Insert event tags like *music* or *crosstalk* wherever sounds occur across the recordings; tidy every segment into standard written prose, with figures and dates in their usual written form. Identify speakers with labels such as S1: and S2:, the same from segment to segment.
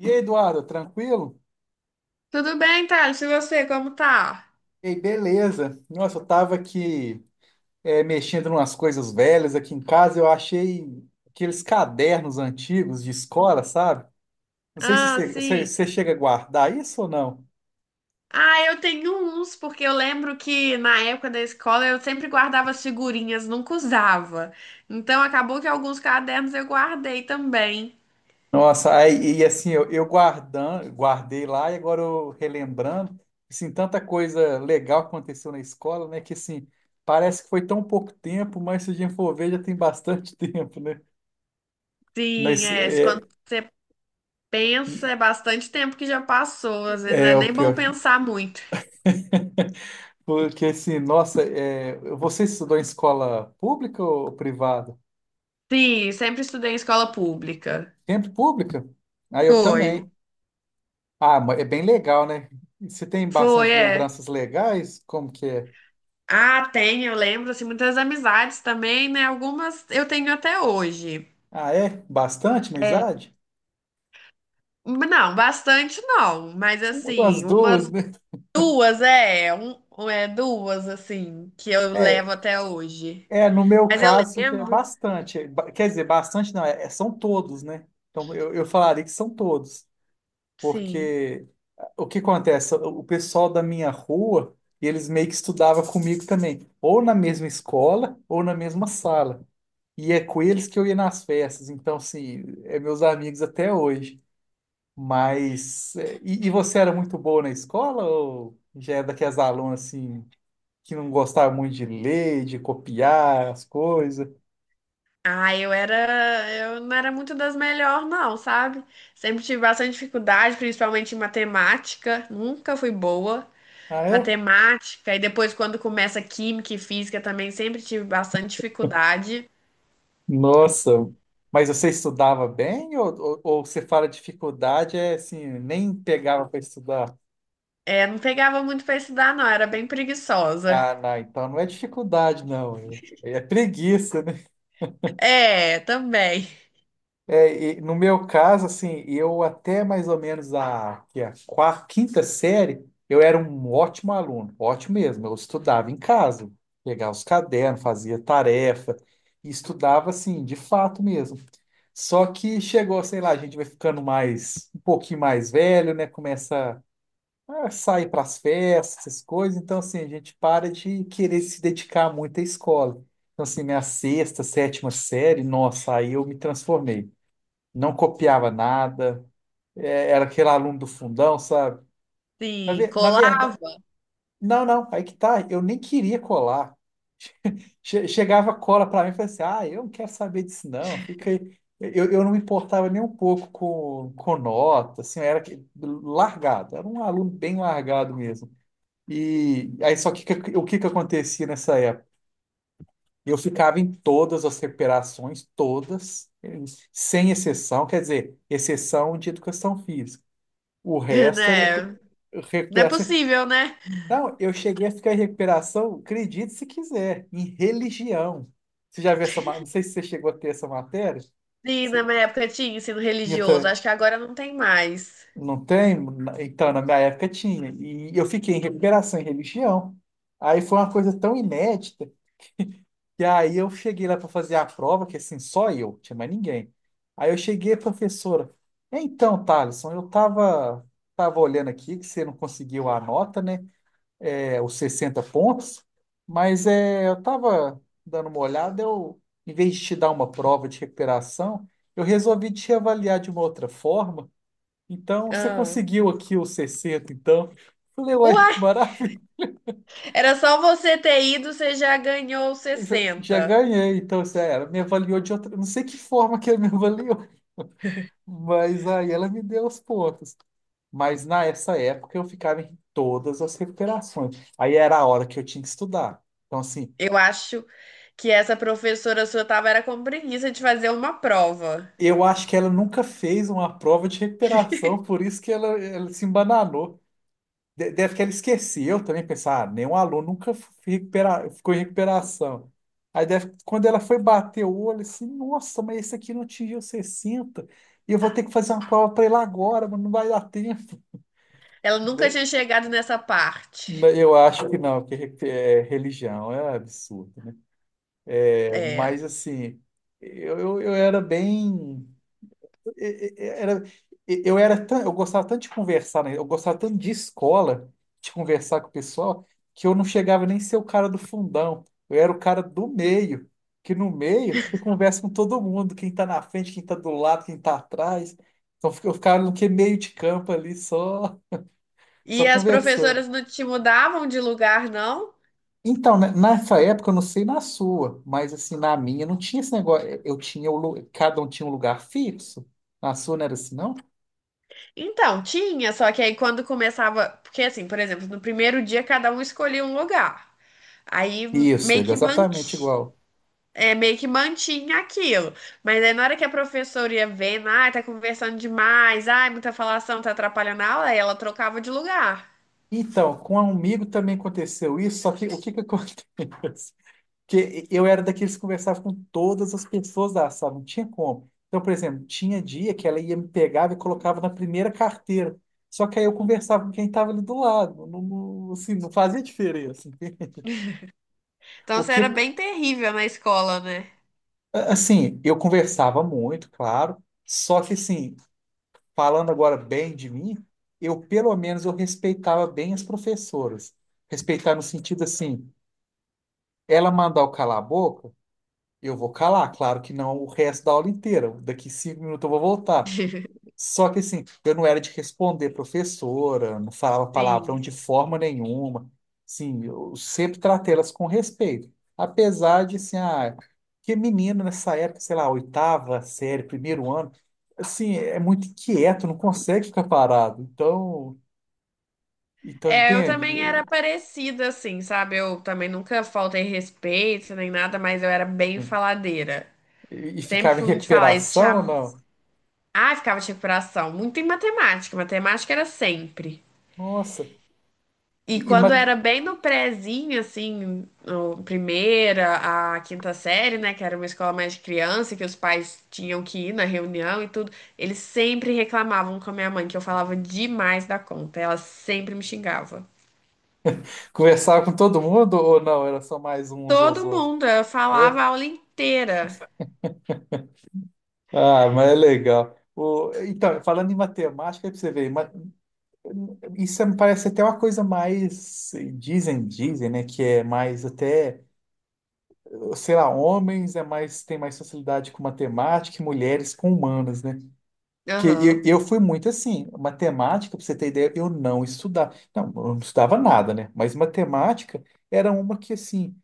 S1: E aí, Eduardo, tranquilo?
S2: Tudo bem, Thales? E você, como tá?
S1: Ei, beleza. Nossa, eu tava aqui mexendo em umas coisas velhas aqui em casa, eu achei aqueles cadernos antigos de escola, sabe? Não sei se
S2: Ah, sim.
S1: você chega a guardar isso ou não.
S2: Ah, eu tenho uns, porque eu lembro que na época da escola eu sempre guardava as figurinhas, nunca usava. Então acabou que alguns cadernos eu guardei também.
S1: Nossa, aí, e assim, eu guardando, guardei lá e agora eu relembrando, assim, tanta coisa legal que aconteceu na escola, né? Que assim, parece que foi tão pouco tempo, mas se a gente for ver, já tem bastante *laughs* tempo, né?
S2: Sim,
S1: Mas,
S2: é. Se Quando você
S1: e-
S2: pensa, é bastante tempo que já passou. Às vezes não é
S1: é o
S2: nem bom
S1: pior.
S2: pensar muito.
S1: Porque assim, nossa, você estudou em escola pública ou privada?
S2: Sim, sempre estudei em escola pública.
S1: Sempre pública? Ah, eu
S2: Foi.
S1: também. Ah, mas é bem legal, né? E você tem
S2: Foi,
S1: bastante
S2: é.
S1: lembranças legais? Como que é?
S2: Ah, tem, eu lembro, assim, muitas amizades também, né? Algumas eu tenho até hoje.
S1: Ah, é? Bastante, amizade?
S2: Não, bastante não, mas
S1: As
S2: assim, umas
S1: duas, né?
S2: duas, é, duas, assim, que eu
S1: É,
S2: levo até hoje.
S1: no meu
S2: Mas eu
S1: caso já é
S2: lembro,
S1: bastante. Quer dizer, bastante não, são todos, né? Então eu falaria que são todos,
S2: sim.
S1: porque o que acontece? O pessoal da minha rua, eles meio que estudava comigo também, ou na mesma escola, ou na mesma sala. E é com eles que eu ia nas festas, então, assim, é meus amigos até hoje. Mas, e você era muito boa na escola, ou já é daquelas alunas, assim, que não gostava muito de ler, de copiar as coisas?
S2: Ah, eu não era muito das melhores, não, sabe? Sempre tive bastante dificuldade, principalmente em matemática, nunca fui boa.
S1: Ah, é?
S2: Matemática, e depois quando começa química e física também sempre tive bastante dificuldade.
S1: Nossa, mas você estudava bem, ou, você fala dificuldade, é assim, nem pegava para estudar?
S2: É, não pegava muito pra estudar, não, era bem preguiçosa.
S1: Ah, não, então não é dificuldade, não. É preguiça, né?
S2: É, também.
S1: E no meu caso, assim, eu até mais ou menos a, que é a quarta, quinta série, eu era um ótimo aluno, ótimo mesmo. Eu estudava em casa, pegava os cadernos, fazia tarefa, e estudava, assim, de fato mesmo. Só que chegou, sei lá, a gente vai ficando mais, um pouquinho mais velho, né? Começa sair para as festas, essas coisas. Então, assim, a gente para de querer se dedicar muito à escola. Então, assim, minha sexta, sétima série, nossa, aí eu me transformei. Não copiava nada, era aquele aluno do fundão, sabe? Na,
S2: Sim,
S1: ve- na
S2: colava,
S1: verdade, não, não, aí que tá, eu nem queria colar. Chegava cola para mim e falava assim: ah, eu não quero saber disso, não, fica aí. Eu não me importava nem um pouco com nota, assim, eu era largado, era um aluno bem largado mesmo. E aí só que o que que acontecia nessa época? Eu ficava em todas as recuperações, todas, sem exceção, quer dizer, exceção de educação física. O
S2: *laughs*
S1: resto era
S2: né? Não é
S1: recuperação.
S2: possível, né?
S1: Não, eu cheguei a ficar em recuperação, acredite se quiser, em religião. Você já viu essa, não sei se você chegou a ter essa matéria.
S2: Sim, na
S1: Você-
S2: minha época tinha ensino religioso.
S1: Então,
S2: Acho que agora não tem mais.
S1: não tem? Então, na minha época tinha. E eu fiquei em recuperação em religião. Aí foi uma coisa tão inédita. E aí eu cheguei lá para fazer a prova, que assim, só eu, tinha mais ninguém. Aí eu cheguei, professora, então, Thaleson, eu tava olhando aqui que você não conseguiu a nota, né? É, os 60 pontos, mas eu tava dando uma olhada, em vez de te dar uma prova de recuperação, eu resolvi te avaliar de uma outra forma. Então, você
S2: Ah.
S1: conseguiu aqui os 60 então. Falei, uai,
S2: Uai, era só você ter ido, você já ganhou
S1: eu já
S2: sessenta.
S1: ganhei, então, assim, ah, ela me avaliou de outra. Não sei que forma que ela me *laughs* avaliou, mas aí ela me deu os pontos. Mas nessa época eu ficava em todas as recuperações. Aí era a hora que eu tinha que estudar. Então, assim,
S2: Eu acho que essa professora sua tava era com preguiça de fazer uma prova.
S1: eu acho que ela nunca fez uma prova de recuperação, por isso que ela se embananou. Deve que ela esqueceu também, pensar, ah, nenhum aluno nunca ficou em recuperação. Aí deve, que quando ela foi bater o olho, assim, nossa, mas esse aqui não atingiu 60 e eu vou ter que fazer uma prova para ele agora, mas não vai dar tempo.
S2: Ela nunca
S1: De-
S2: tinha chegado nessa parte.
S1: Eu acho que não, que religião é absurdo. Mas,
S2: É.
S1: assim, eu era bem. e- e- era, eu era tão, eu gostava tanto de conversar, né? Eu gostava tanto de escola, de conversar com o pessoal, que eu não chegava nem a ser o cara do fundão. Eu era o cara do meio, que no meio você conversa com todo mundo, quem tá na frente, quem tá do lado, quem tá atrás. Então eu ficava no que meio de campo ali, só, só
S2: E as
S1: conversando.
S2: professoras não te mudavam de lugar, não?
S1: Então, né, nessa época, eu não sei na sua, mas assim, na minha não tinha esse negócio. Eu tinha o, lu- Cada um tinha um lugar fixo. Na sua não era assim, não?
S2: Então, tinha, só que aí quando começava. Porque, assim, por exemplo, no primeiro dia cada um escolhia um lugar. Aí
S1: Isso,
S2: meio que
S1: exatamente
S2: manti-
S1: igual.
S2: é, meio que mantinha aquilo. Mas aí na hora que a professora ia vendo, ah, tá conversando demais, ai, muita falação, tá atrapalhando a aula, aí ela trocava de lugar.
S1: Então, com um amigo também aconteceu isso, só que o que que acontece? *laughs* Que eu era daqueles que conversava com todas as pessoas da sala, não tinha como. Então, por exemplo, tinha dia que ela ia me pegava e colocava na primeira carteira. Só que aí eu conversava com quem estava ali do lado, não, assim, não fazia diferença.
S2: Então
S1: O
S2: isso era
S1: que,
S2: bem terrível na escola, né?
S1: assim, eu conversava muito, claro, só que assim, falando agora bem de mim, eu pelo menos eu respeitava bem as professoras. Respeitar no sentido assim, ela mandar eu calar a boca, eu vou calar. Claro que não o resto da aula inteira. Daqui 5 minutos eu vou voltar.
S2: *laughs*
S1: Só que assim, eu não era de responder professora, não falava palavrão
S2: Sim.
S1: de forma nenhuma. Sim, eu sempre tratei elas com respeito. Apesar de, assim, ah, que menino nessa época, sei lá, oitava série, primeiro ano, assim, é muito inquieto, não consegue ficar parado. Então,
S2: É, eu
S1: entende?
S2: também era parecida, assim, sabe? Eu também nunca faltei respeito nem nada, mas eu era bem faladeira.
S1: E
S2: Sempre
S1: ficava em
S2: fui muito falar. Isso.
S1: recuperação, não?
S2: Ah, ficava de recuperação. Muito em matemática. Matemática era sempre.
S1: Nossa. E,
S2: E
S1: e
S2: quando
S1: ma-
S2: era bem no prézinho, assim, no primeira, a quinta série, né, que era uma escola mais de criança, que os pais tinham que ir na reunião e tudo, eles sempre reclamavam com a minha mãe que eu falava demais da conta. Ela sempre me xingava.
S1: Conversava com todo mundo ou não? Era só mais uns aos
S2: Todo
S1: outros?
S2: mundo, eu falava
S1: É?
S2: a aula inteira.
S1: Ah, mas é legal. O, então, falando em matemática, aí pra você ver, isso me parece até uma coisa mais, dizem, né, que é mais até, sei lá, homens é mais, tem mais facilidade com matemática e mulheres com humanas, né? Que eu,
S2: Aham.
S1: eu fui muito assim, matemática, para você ter ideia, eu não estudava. Não, eu não estudava nada, né? Mas matemática era uma que, assim,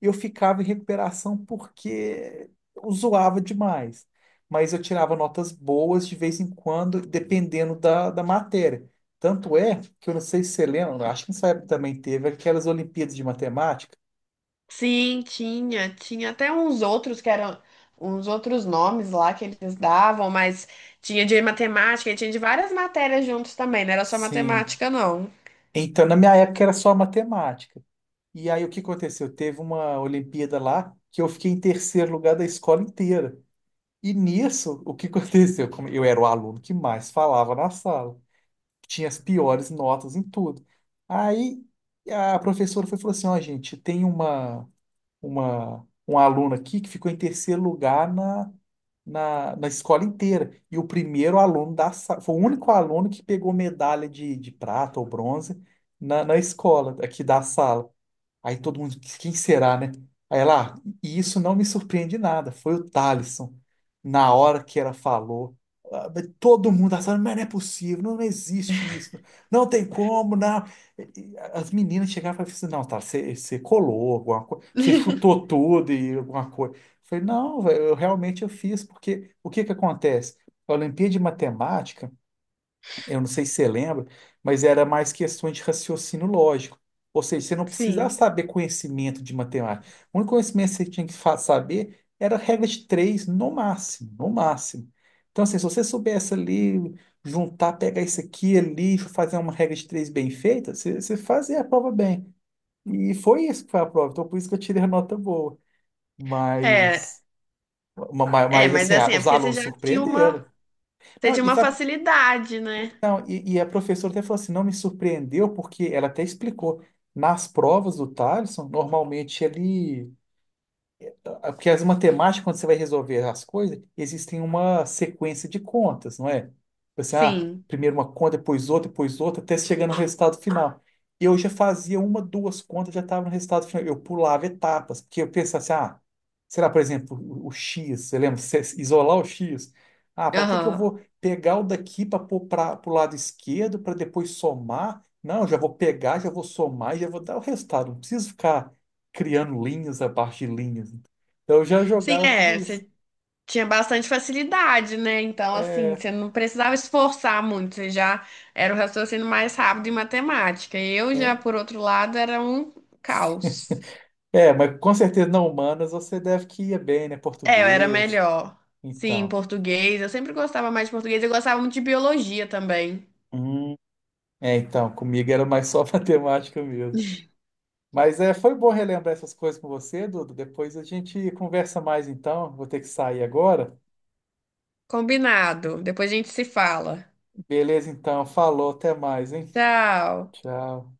S1: eu ficava em recuperação porque eu zoava demais. Mas eu tirava notas boas de vez em quando, dependendo da matéria. Tanto é que eu não sei se você lembra, acho que nessa época também teve aquelas Olimpíadas de Matemática.
S2: Sim, tinha. Tinha até uns outros que eram uns outros nomes lá que eles davam, mas tinha de matemática e tinha de várias matérias juntos também, não era só
S1: Sim.
S2: matemática, não.
S1: Então, na minha época era só matemática. E aí o que aconteceu? Teve uma Olimpíada lá que eu fiquei em terceiro lugar da escola inteira. E nisso, o que *laughs* aconteceu? Como eu era o aluno que mais falava na sala, tinha as piores notas em tudo. Aí a professora foi e falou assim: ó, gente, tem uma um aluno aqui que ficou em terceiro lugar na escola inteira. E o primeiro aluno da sala, foi o único aluno que pegou medalha de prata ou bronze na escola, aqui da sala. Aí todo mundo, quem será, né? Aí ela, "Ah, e isso não me surpreende nada, foi o Thalisson." Na hora que ela falou, ah, mas todo mundo da sala, mas não é possível, não, não existe isso, não tem como, não. As meninas chegavam e falavam assim, não, tá, você colou alguma coisa, você
S2: *laughs*
S1: chutou tudo e alguma coisa. Eu falei, não, velho, eu realmente eu fiz, porque o que que acontece? A Olimpíada de Matemática, eu não sei se você lembra, mas era mais questões de raciocínio lógico. Ou seja, você não precisava
S2: Sim.
S1: saber conhecimento de matemática. O único conhecimento que você tinha que saber era a regra de três no máximo, no máximo. Então, assim, se você soubesse ali juntar, pegar isso aqui ali, fazer uma regra de três bem feita, você fazia a prova bem. E foi isso que foi a prova. Então, por isso que eu tirei a nota boa.
S2: É,
S1: Mas, mas
S2: mas
S1: assim,
S2: é
S1: ah,
S2: assim, é
S1: os
S2: porque
S1: alunos surpreenderam.
S2: você
S1: Não,
S2: tinha
S1: e
S2: uma
S1: sabe.
S2: facilidade, né?
S1: Não, e a professora até falou assim, não me surpreendeu, porque ela até explicou, nas provas do Thaleson, normalmente ele porque as matemáticas, quando você vai resolver as coisas, existem uma sequência de contas, não é? Você,
S2: Sim.
S1: primeiro uma conta, depois outra, até chegar no resultado final. Eu já fazia uma, duas contas, já estava no resultado final. Eu pulava etapas, porque eu pensava assim, ah, sei lá, por exemplo, o X, você lembra? Você isolar o X. Ah, para que que eu
S2: Aham.
S1: vou pegar o daqui para pôr para o lado esquerdo, para depois somar? Não, eu já vou pegar, já vou somar, e já vou dar o resultado. Não preciso ficar criando linhas abaixo de linhas. Então eu já
S2: Sim,
S1: jogava tudo
S2: é.
S1: isso.
S2: Você tinha bastante facilidade, né? Então, assim,
S1: É,
S2: você não precisava esforçar muito, você já era o raciocínio mais rápido em matemática. Eu já,
S1: é,
S2: por outro lado, era um caos.
S1: mas com certeza não humanas você deve que ia bem, né?
S2: É, eu era
S1: Português,
S2: melhor. Sim,
S1: então.
S2: português. Eu sempre gostava mais de português. Eu gostava muito de biologia também.
S1: Hum, então, comigo era mais só *laughs* matemática mesmo. Mas foi bom relembrar essas coisas com você, Dudu. Depois a gente conversa mais então. Vou ter que sair agora.
S2: Combinado. Depois a gente se fala.
S1: Beleza, então. Falou, até mais, hein?
S2: Tchau.
S1: Tchau.